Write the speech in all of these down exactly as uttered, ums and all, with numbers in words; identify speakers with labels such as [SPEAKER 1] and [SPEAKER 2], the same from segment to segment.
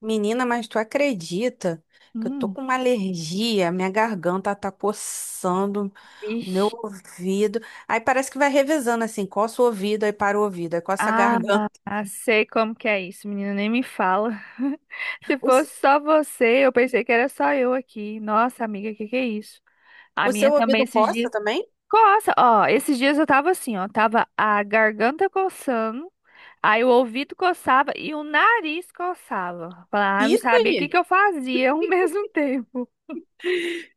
[SPEAKER 1] Menina, mas tu acredita que eu tô
[SPEAKER 2] Hum.
[SPEAKER 1] com uma alergia, minha garganta tá coçando, o meu
[SPEAKER 2] Vixe.
[SPEAKER 1] ouvido. Aí parece que vai revezando assim, coça o ouvido, aí para o ouvido, aí coça a
[SPEAKER 2] Ah,
[SPEAKER 1] garganta.
[SPEAKER 2] sei como que é isso, menina, nem me fala. Se
[SPEAKER 1] O, s-
[SPEAKER 2] fosse só você, eu pensei que era só eu aqui. Nossa, amiga, que que é isso? A
[SPEAKER 1] o
[SPEAKER 2] minha
[SPEAKER 1] seu
[SPEAKER 2] também
[SPEAKER 1] ouvido
[SPEAKER 2] esses dias.
[SPEAKER 1] coça também?
[SPEAKER 2] Coça, ó, esses dias eu tava assim, ó, tava a garganta coçando, aí o ouvido coçava e o nariz coçava. Falar, ah, não
[SPEAKER 1] Isso
[SPEAKER 2] sabia o que
[SPEAKER 1] aí,
[SPEAKER 2] que eu fazia ao mesmo tempo.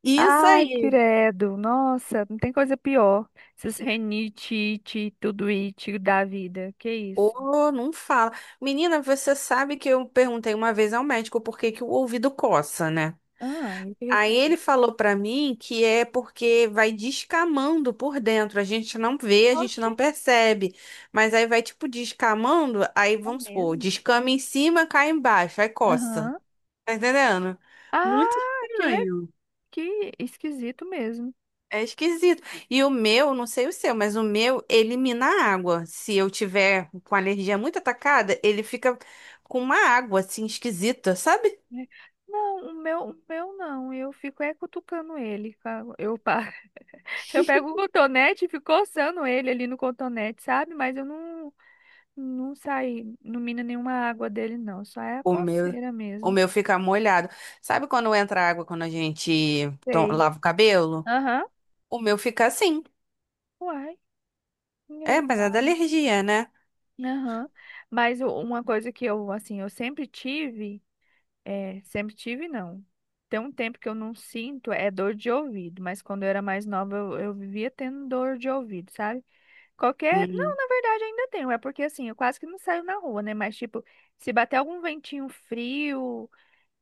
[SPEAKER 1] isso
[SPEAKER 2] Ai,
[SPEAKER 1] aí.
[SPEAKER 2] credo, nossa, não tem coisa pior. Esses renite, ite, tudo it da vida, que isso?
[SPEAKER 1] Ô, não fala. Menina, você sabe que eu perguntei uma vez ao médico por que que o ouvido coça, né?
[SPEAKER 2] Ah, eu fiquei
[SPEAKER 1] Aí
[SPEAKER 2] assim,
[SPEAKER 1] ele falou pra mim que é porque vai descamando por dentro, a gente não vê, a gente
[SPEAKER 2] oxe,
[SPEAKER 1] não percebe, mas aí vai tipo descamando, aí
[SPEAKER 2] é
[SPEAKER 1] vamos supor,
[SPEAKER 2] mesmo?
[SPEAKER 1] descama em cima, cai embaixo, aí coça.
[SPEAKER 2] Aham.
[SPEAKER 1] Tá entendendo? Muito
[SPEAKER 2] Ah, que, le...
[SPEAKER 1] estranho.
[SPEAKER 2] que esquisito mesmo.
[SPEAKER 1] É esquisito. E o meu, não sei o seu, mas o meu elimina a água. Se eu tiver com a alergia muito atacada, ele fica com uma água assim esquisita, sabe?
[SPEAKER 2] Né? Não, o meu, o meu não. Eu fico é cutucando ele. ca- Eu, pa- eu pego o cotonete e fico coçando ele ali no cotonete, sabe? Mas eu não, não saí, não mina nenhuma água dele, não. Só é a
[SPEAKER 1] O meu,
[SPEAKER 2] coceira
[SPEAKER 1] o
[SPEAKER 2] mesmo.
[SPEAKER 1] meu fica molhado. Sabe quando entra água quando a gente to-
[SPEAKER 2] Sei.
[SPEAKER 1] lava o cabelo?
[SPEAKER 2] Aham.
[SPEAKER 1] O meu fica assim.
[SPEAKER 2] Uai.
[SPEAKER 1] É,
[SPEAKER 2] engra-
[SPEAKER 1] mas é da alergia, né?
[SPEAKER 2] Aham. Mas o- uma coisa que eu, assim, eu sempre tive. É, sempre tive, não. Tem um tempo que eu não sinto, é dor de ouvido, mas quando eu era mais nova, eu, eu vivia tendo dor de ouvido, sabe? Qualquer. Não,
[SPEAKER 1] Hum,
[SPEAKER 2] na verdade ainda tenho, é porque assim, eu quase que não saio na rua, né? Mas tipo, se bater algum ventinho frio,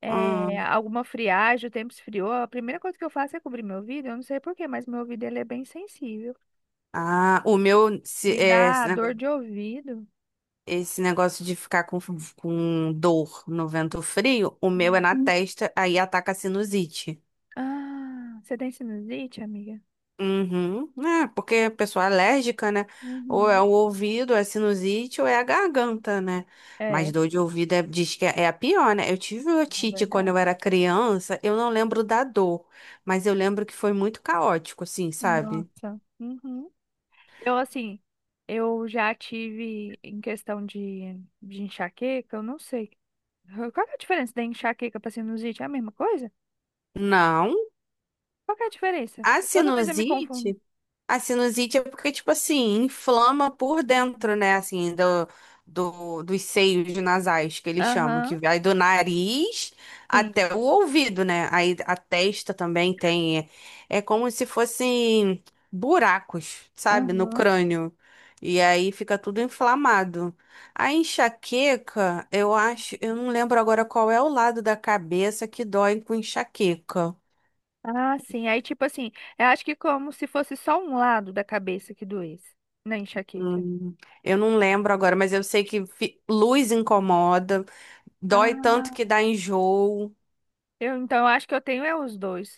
[SPEAKER 2] é,
[SPEAKER 1] hum.
[SPEAKER 2] alguma friagem, o tempo esfriou, a primeira coisa que eu faço é cobrir meu ouvido, eu não sei por quê, mas meu ouvido ele é bem sensível.
[SPEAKER 1] Ah, o meu, se-
[SPEAKER 2] Me
[SPEAKER 1] é, esse
[SPEAKER 2] dá dor
[SPEAKER 1] negócio,
[SPEAKER 2] de ouvido.
[SPEAKER 1] esse negócio de ficar com, com dor no vento frio, o meu é
[SPEAKER 2] Hum.
[SPEAKER 1] na Hum. testa, aí ataca a sinusite.
[SPEAKER 2] Ah, você tem sinusite, amiga?
[SPEAKER 1] Uhum. É, porque a pessoa é alérgica, né? Ou é
[SPEAKER 2] Uhum.
[SPEAKER 1] o ouvido, é sinusite, ou é a garganta, né? Mas
[SPEAKER 2] É,
[SPEAKER 1] dor de ouvido é, diz que é é a pior, né? Eu tive
[SPEAKER 2] é
[SPEAKER 1] otite quando
[SPEAKER 2] verdade.
[SPEAKER 1] eu era criança, eu não lembro da dor, mas eu lembro que foi muito caótico, assim, sabe?
[SPEAKER 2] Nossa. Uhum. Eu, assim, eu já tive em questão de, de enxaqueca, eu não sei. Qual que é a diferença da enxaqueca para sinusite? É a mesma coisa?
[SPEAKER 1] Não.
[SPEAKER 2] Qual que é a diferença?
[SPEAKER 1] A
[SPEAKER 2] Toda vez eu me confundo.
[SPEAKER 1] sinusite. A sinusite é porque, tipo assim, inflama por dentro,
[SPEAKER 2] Uhum.
[SPEAKER 1] né? Assim, do, do, dos seios nasais, que eles chamam,
[SPEAKER 2] Aham,
[SPEAKER 1] que vai do nariz
[SPEAKER 2] sim.
[SPEAKER 1] até o ouvido, né? Aí a testa também tem. É, é como se fossem buracos, sabe? No
[SPEAKER 2] Aham.
[SPEAKER 1] crânio. E aí fica tudo inflamado. A enxaqueca, eu acho, eu não lembro agora qual é o lado da cabeça que dói com enxaqueca.
[SPEAKER 2] Ah, sim. Aí, tipo assim, eu acho que como se fosse só um lado da cabeça que doesse na enxaqueca.
[SPEAKER 1] Hum, eu não lembro agora, mas eu sei que fi- luz incomoda, dói tanto
[SPEAKER 2] Ah,
[SPEAKER 1] que dá enjoo.
[SPEAKER 2] eu, então, eu acho que eu tenho é os dois.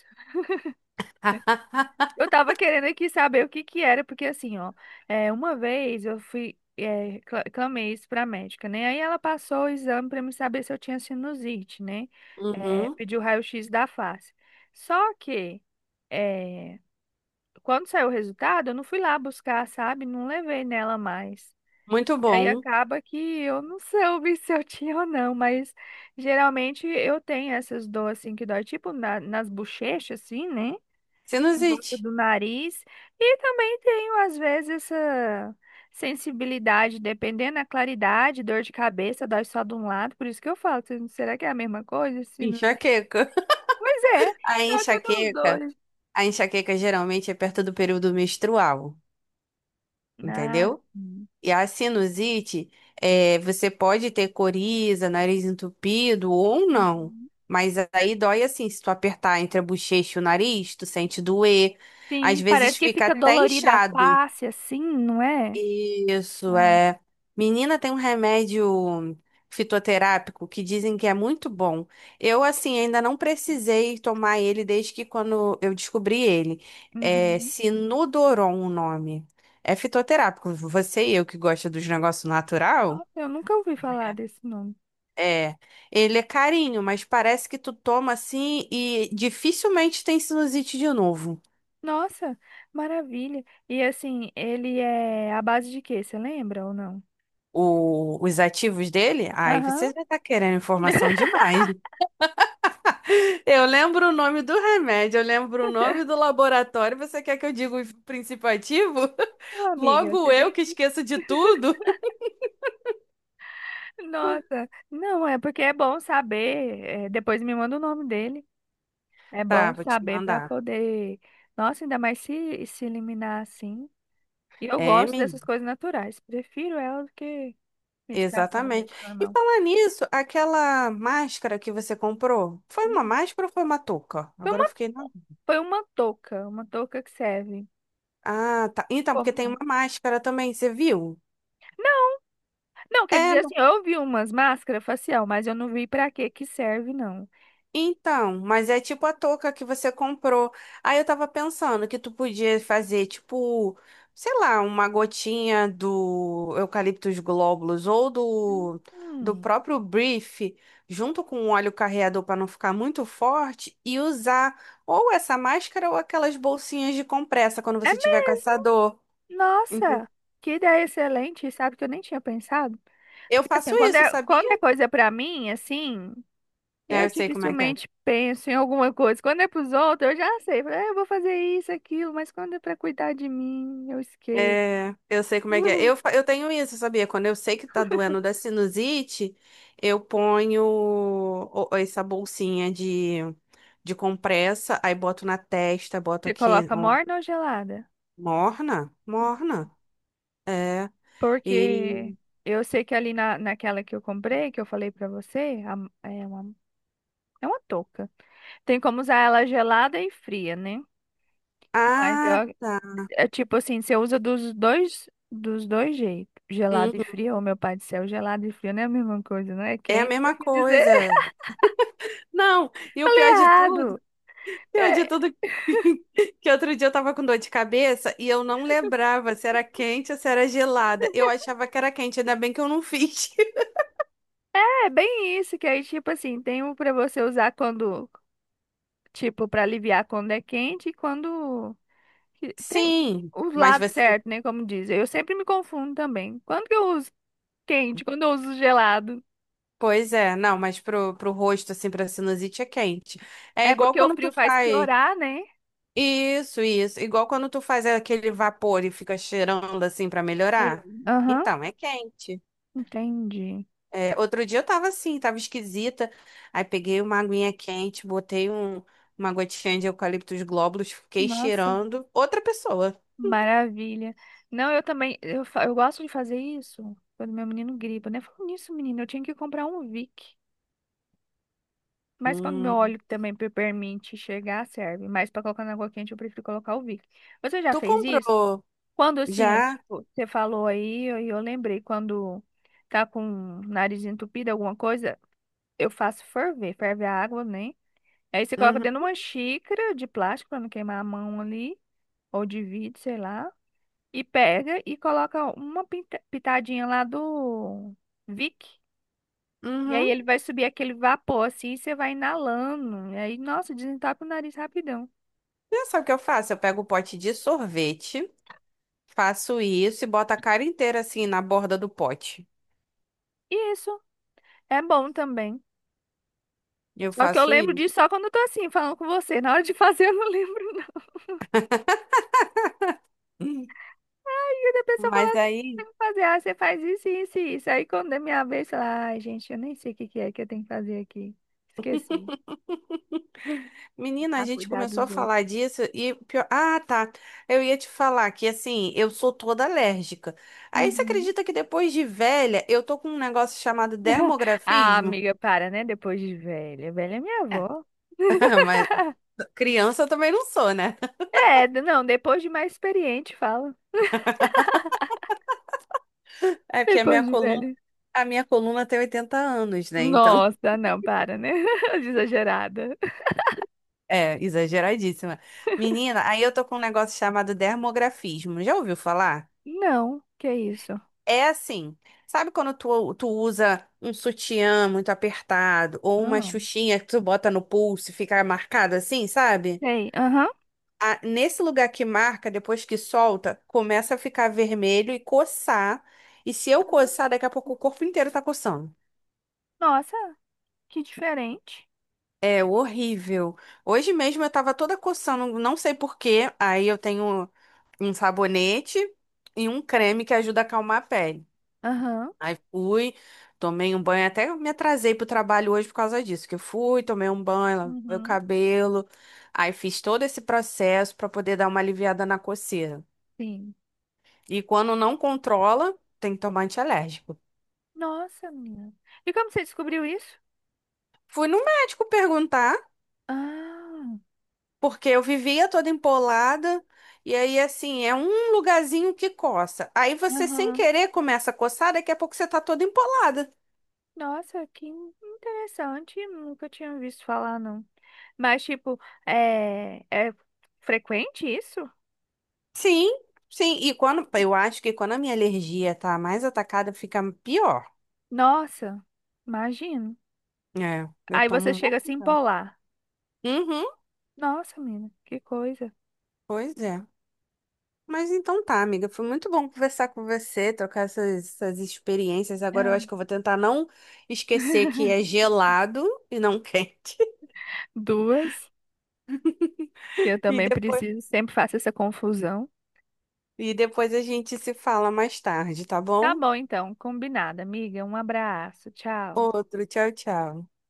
[SPEAKER 2] Eu tava querendo aqui saber o que que era, porque assim, ó, é, uma vez eu fui, é, cla- clamei isso pra médica, né? Aí ela passou o exame pra me saber se eu tinha sinusite, né? É,
[SPEAKER 1] Uhum,
[SPEAKER 2] pediu raio-x da face. Só que, é, quando saiu o resultado, eu não fui lá buscar, sabe? Não levei nela mais.
[SPEAKER 1] muito
[SPEAKER 2] E aí
[SPEAKER 1] bom.
[SPEAKER 2] acaba que eu não soube se eu tinha ou não, mas geralmente eu tenho essas dores assim que dói, tipo na- nas bochechas, assim, né? Em
[SPEAKER 1] Sinusite,
[SPEAKER 2] volta do nariz. E também tenho, às vezes, essa sensibilidade, dependendo da claridade, dor de cabeça, dói só de um lado. Por isso que eu falo, se- será que é a mesma coisa? Sinusite?
[SPEAKER 1] enxaqueca.
[SPEAKER 2] Pois é,
[SPEAKER 1] A
[SPEAKER 2] eu acho que eu tenho os
[SPEAKER 1] enxaqueca,
[SPEAKER 2] dois.
[SPEAKER 1] a enxaqueca geralmente é perto do período menstrual,
[SPEAKER 2] Ah,
[SPEAKER 1] entendeu?
[SPEAKER 2] sim.
[SPEAKER 1] E a sinusite, é, você pode ter coriza, nariz entupido ou não.
[SPEAKER 2] Uhum.
[SPEAKER 1] Mas aí dói assim, se tu apertar entre a bochecha e o nariz, tu sente doer. Às
[SPEAKER 2] Sim,
[SPEAKER 1] vezes
[SPEAKER 2] parece que
[SPEAKER 1] fica
[SPEAKER 2] fica
[SPEAKER 1] até
[SPEAKER 2] dolorida a
[SPEAKER 1] inchado.
[SPEAKER 2] face, assim, não é?
[SPEAKER 1] Isso
[SPEAKER 2] Ah,
[SPEAKER 1] é. Menina, tem um remédio fitoterápico que dizem que é muito bom. Eu, assim, ainda não precisei tomar ele desde que quando eu descobri ele. É
[SPEAKER 2] uhum.
[SPEAKER 1] Sinudoron o nome. É fitoterápico. Você e eu que gosta dos negócios natural,
[SPEAKER 2] Nossa, eu nunca ouvi falar desse nome.
[SPEAKER 1] é. Ele é carinho, mas parece que tu toma assim e dificilmente tem sinusite de novo.
[SPEAKER 2] Nossa, maravilha. E assim, ele é à base de quê? Você lembra ou não?
[SPEAKER 1] O- os ativos dele, aí
[SPEAKER 2] Aham.
[SPEAKER 1] vocês vão estar querendo informação demais. Eu lembro o nome do remédio, eu lembro o nome do laboratório. Você quer que eu diga o princípio ativo?
[SPEAKER 2] Ô, amiga,
[SPEAKER 1] Logo
[SPEAKER 2] você
[SPEAKER 1] eu
[SPEAKER 2] tem
[SPEAKER 1] que
[SPEAKER 2] que.
[SPEAKER 1] esqueço de tudo.
[SPEAKER 2] Nossa, não, é porque é bom saber. É, depois me manda o nome dele. É
[SPEAKER 1] Tá,
[SPEAKER 2] bom
[SPEAKER 1] vou te
[SPEAKER 2] saber para
[SPEAKER 1] mandar.
[SPEAKER 2] poder. Nossa, ainda mais se, se eliminar assim. E eu
[SPEAKER 1] É,
[SPEAKER 2] gosto
[SPEAKER 1] menina,
[SPEAKER 2] dessas coisas naturais. Prefiro ela do que medicação mesmo,
[SPEAKER 1] exatamente. E
[SPEAKER 2] normal.
[SPEAKER 1] falar nisso, aquela máscara que você comprou, foi uma
[SPEAKER 2] Hum.
[SPEAKER 1] máscara ou foi uma touca?
[SPEAKER 2] Foi
[SPEAKER 1] Agora
[SPEAKER 2] uma,
[SPEAKER 1] eu fiquei na...
[SPEAKER 2] foi uma touca, uma touca que serve.
[SPEAKER 1] Ah, tá. Então, porque
[SPEAKER 2] Como
[SPEAKER 1] tem
[SPEAKER 2] não?
[SPEAKER 1] uma máscara também, você viu?
[SPEAKER 2] Não, quer
[SPEAKER 1] É,
[SPEAKER 2] dizer assim, eu vi umas máscaras facial, mas eu não vi para que que serve, não.
[SPEAKER 1] então, mas é tipo a touca que você comprou. Aí eu tava pensando que tu podia fazer, tipo, sei lá, uma gotinha do Eucaliptus glóbulos ou do, do
[SPEAKER 2] Hum.
[SPEAKER 1] próprio Brief, junto com o óleo carreador para não ficar muito forte, e usar ou essa máscara ou aquelas bolsinhas de compressa quando
[SPEAKER 2] É,
[SPEAKER 1] você tiver com essa dor.
[SPEAKER 2] me-
[SPEAKER 1] Ente-
[SPEAKER 2] nossa, que ideia excelente, sabe que eu nem tinha pensado?
[SPEAKER 1] Eu
[SPEAKER 2] Porque
[SPEAKER 1] faço
[SPEAKER 2] assim, quando
[SPEAKER 1] isso,
[SPEAKER 2] é,
[SPEAKER 1] sabia?
[SPEAKER 2] quando é coisa pra mim, assim,
[SPEAKER 1] É,
[SPEAKER 2] eu
[SPEAKER 1] eu sei como é que é.
[SPEAKER 2] dificilmente penso em alguma coisa. Quando é pros outros, eu já sei. Falo, "É, eu vou fazer isso, aquilo, mas quando é pra cuidar de mim, eu esqueço.
[SPEAKER 1] É, eu sei como é que é. Eu, fa- eu tenho isso, sabia? Quando eu sei que tá doendo da sinusite, eu ponho o- o- essa bolsinha de, de compressa, aí boto na testa, boto
[SPEAKER 2] Você
[SPEAKER 1] aqui,
[SPEAKER 2] coloca
[SPEAKER 1] ó,
[SPEAKER 2] morna ou gelada?
[SPEAKER 1] morna, morna. É.
[SPEAKER 2] Porque
[SPEAKER 1] E.
[SPEAKER 2] eu sei que ali na, naquela que eu comprei, que eu falei pra você, a- é uma, é uma touca. Tem como usar ela gelada e fria, né? Mas eu.
[SPEAKER 1] Ah,
[SPEAKER 2] É tipo assim, você usa dos dois, dos dois jeitos. Gelado e
[SPEAKER 1] uhum,
[SPEAKER 2] frio, ô meu pai do céu, gelado e frio não é a mesma coisa, não é
[SPEAKER 1] é a
[SPEAKER 2] quente. Eu
[SPEAKER 1] mesma
[SPEAKER 2] quis dizer,
[SPEAKER 1] coisa. Não, e o
[SPEAKER 2] falei
[SPEAKER 1] pior de tudo,
[SPEAKER 2] errado.
[SPEAKER 1] pior de
[SPEAKER 2] É,
[SPEAKER 1] tudo, que outro dia eu tava com dor de cabeça e eu não lembrava se era quente ou se era gelada. Eu achava que era quente, ainda bem que eu não fiz.
[SPEAKER 2] é bem isso, que aí, tipo assim, tem um pra você usar quando, tipo, pra aliviar quando é quente e quando. que- Tem
[SPEAKER 1] Sim,
[SPEAKER 2] os
[SPEAKER 1] mas
[SPEAKER 2] lados
[SPEAKER 1] você.
[SPEAKER 2] certos, né? Como dizem. Eu sempre me confundo também. Quando que eu uso quente, quando eu uso gelado.
[SPEAKER 1] Pois é, não, mas pro, pro rosto, assim, pra sinusite é quente. É
[SPEAKER 2] É
[SPEAKER 1] igual
[SPEAKER 2] porque o
[SPEAKER 1] quando tu
[SPEAKER 2] frio faz
[SPEAKER 1] faz.
[SPEAKER 2] piorar, né?
[SPEAKER 1] Isso, isso. Igual quando tu faz aquele vapor e fica cheirando, assim, pra melhorar.
[SPEAKER 2] Sim. Aham,
[SPEAKER 1] Então, é quente.
[SPEAKER 2] entendi.
[SPEAKER 1] É, outro dia eu tava assim, tava esquisita. Aí peguei uma aguinha quente, botei um, uma gotinha de eucaliptus glóbulos, fiquei
[SPEAKER 2] Nossa.
[SPEAKER 1] cheirando. Outra pessoa.
[SPEAKER 2] Maravilha. Não, eu também, eu, fa- eu gosto de fazer isso quando meu menino gripa, né? Falando nisso, menino, eu tinha que comprar um Vic. Mas quando meu
[SPEAKER 1] Hum.
[SPEAKER 2] óleo também pe- permite chegar, serve. Mas para colocar na água quente, eu prefiro colocar o Vic. Você já
[SPEAKER 1] Tu
[SPEAKER 2] fez isso?
[SPEAKER 1] comprou
[SPEAKER 2] Quando assim, eu,
[SPEAKER 1] já?
[SPEAKER 2] tipo, você falou aí, eu, eu lembrei, quando tá com o nariz entupido, alguma coisa, eu faço ferver, ferve a água, né? Aí você coloca
[SPEAKER 1] Uhum.
[SPEAKER 2] dentro de uma xícara de plástico para não queimar a mão ali, ou de vidro, sei lá. E pega e coloca uma pinta- pitadinha lá do Vic. E aí
[SPEAKER 1] Uhum.
[SPEAKER 2] ele vai subir aquele vapor assim e você vai inalando. E aí, nossa, desentope o nariz rapidão.
[SPEAKER 1] Já sabe o que eu faço? Eu pego o pote de sorvete. Faço isso e boto a cara inteira assim na borda do pote.
[SPEAKER 2] E isso é bom também.
[SPEAKER 1] Eu
[SPEAKER 2] Só que eu
[SPEAKER 1] faço
[SPEAKER 2] lembro
[SPEAKER 1] isso.
[SPEAKER 2] disso só quando eu tô assim, falando com você. Na hora de fazer, eu não lembro, não.
[SPEAKER 1] Hum.
[SPEAKER 2] E aí a pessoa fala
[SPEAKER 1] Mas
[SPEAKER 2] assim,
[SPEAKER 1] aí,
[SPEAKER 2] tem que fazer, ah, você faz isso, isso e isso. Aí quando é minha vez, sei lá, ai, gente, eu nem sei o que que é que eu tenho que fazer aqui. Esqueci.
[SPEAKER 1] menina, a
[SPEAKER 2] Ah,
[SPEAKER 1] gente
[SPEAKER 2] cuidar
[SPEAKER 1] começou a
[SPEAKER 2] dos outros.
[SPEAKER 1] falar disso e pior... Ah, tá. Eu ia te falar que assim, eu sou toda alérgica. Aí você
[SPEAKER 2] Uhum.
[SPEAKER 1] acredita que depois de velha, eu tô com um negócio chamado
[SPEAKER 2] Ah,
[SPEAKER 1] dermografismo?
[SPEAKER 2] amiga, para, né? Depois de velha. Velha é minha
[SPEAKER 1] É.
[SPEAKER 2] avó.
[SPEAKER 1] Mas criança eu também não sou, né?
[SPEAKER 2] É, d- não, depois de mais experiente, fala.
[SPEAKER 1] É porque a
[SPEAKER 2] Depois
[SPEAKER 1] minha
[SPEAKER 2] de
[SPEAKER 1] coluna,
[SPEAKER 2] velho.
[SPEAKER 1] a minha coluna tem oitenta anos, né? Então,
[SPEAKER 2] Nossa, não, para, né? Exagerada.
[SPEAKER 1] é exageradíssima. Menina, aí eu tô com um negócio chamado dermografismo. Já ouviu falar?
[SPEAKER 2] Não, que isso?
[SPEAKER 1] É assim, sabe quando tu, tu usa um sutiã muito apertado ou uma
[SPEAKER 2] Ah,
[SPEAKER 1] xuxinha que tu bota no pulso e fica marcado assim, sabe?
[SPEAKER 2] sei. Aham.
[SPEAKER 1] Ah, nesse lugar que marca, depois que solta, começa a ficar vermelho e coçar. E se eu coçar, daqui a pouco o corpo inteiro tá coçando.
[SPEAKER 2] Nossa, que diferente.
[SPEAKER 1] É horrível. Hoje mesmo eu tava toda coçando, não sei por quê. Aí eu tenho um sabonete e um creme que ajuda a acalmar a pele.
[SPEAKER 2] Aham.
[SPEAKER 1] Aí fui, tomei um banho, até me atrasei pro trabalho hoje por causa disso, que eu fui, tomei um banho, lavei o
[SPEAKER 2] Uhum.
[SPEAKER 1] cabelo, aí fiz todo esse processo pra poder dar uma aliviada na coceira.
[SPEAKER 2] Sim.
[SPEAKER 1] E quando não controla, tem que tomar antialérgico.
[SPEAKER 2] Nossa, minha. E como você descobriu isso?
[SPEAKER 1] Fui no médico perguntar,
[SPEAKER 2] Ah,
[SPEAKER 1] porque eu vivia toda empolada, e aí assim, é um lugarzinho que coça. Aí você sem
[SPEAKER 2] aham.
[SPEAKER 1] querer começa a coçar, daqui a pouco você tá toda empolada.
[SPEAKER 2] Nossa, que in- interessante. Nunca tinha visto falar, não. Mas, tipo, é, é frequente isso?
[SPEAKER 1] Sim, sim, e quando eu acho que quando a minha alergia tá mais atacada, fica pior.
[SPEAKER 2] Nossa, imagino.
[SPEAKER 1] É, eu
[SPEAKER 2] Aí
[SPEAKER 1] tomo
[SPEAKER 2] você
[SPEAKER 1] um bom
[SPEAKER 2] chega a se
[SPEAKER 1] cuidado.
[SPEAKER 2] empolar.
[SPEAKER 1] Uhum,
[SPEAKER 2] Nossa, menina, que coisa.
[SPEAKER 1] pois é. Mas então tá, amiga. Foi muito bom conversar com você, trocar essas, essas experiências. Agora eu
[SPEAKER 2] Ah,
[SPEAKER 1] acho que eu vou tentar não esquecer que é gelado e não quente.
[SPEAKER 2] Duas. Eu
[SPEAKER 1] E
[SPEAKER 2] também
[SPEAKER 1] depois,
[SPEAKER 2] preciso, sempre faço essa confusão.
[SPEAKER 1] e depois a gente se fala mais tarde, tá
[SPEAKER 2] Tá
[SPEAKER 1] bom?
[SPEAKER 2] bom, então, combinado, amiga. Um abraço, tchau.
[SPEAKER 1] Outro, tchau, tchau.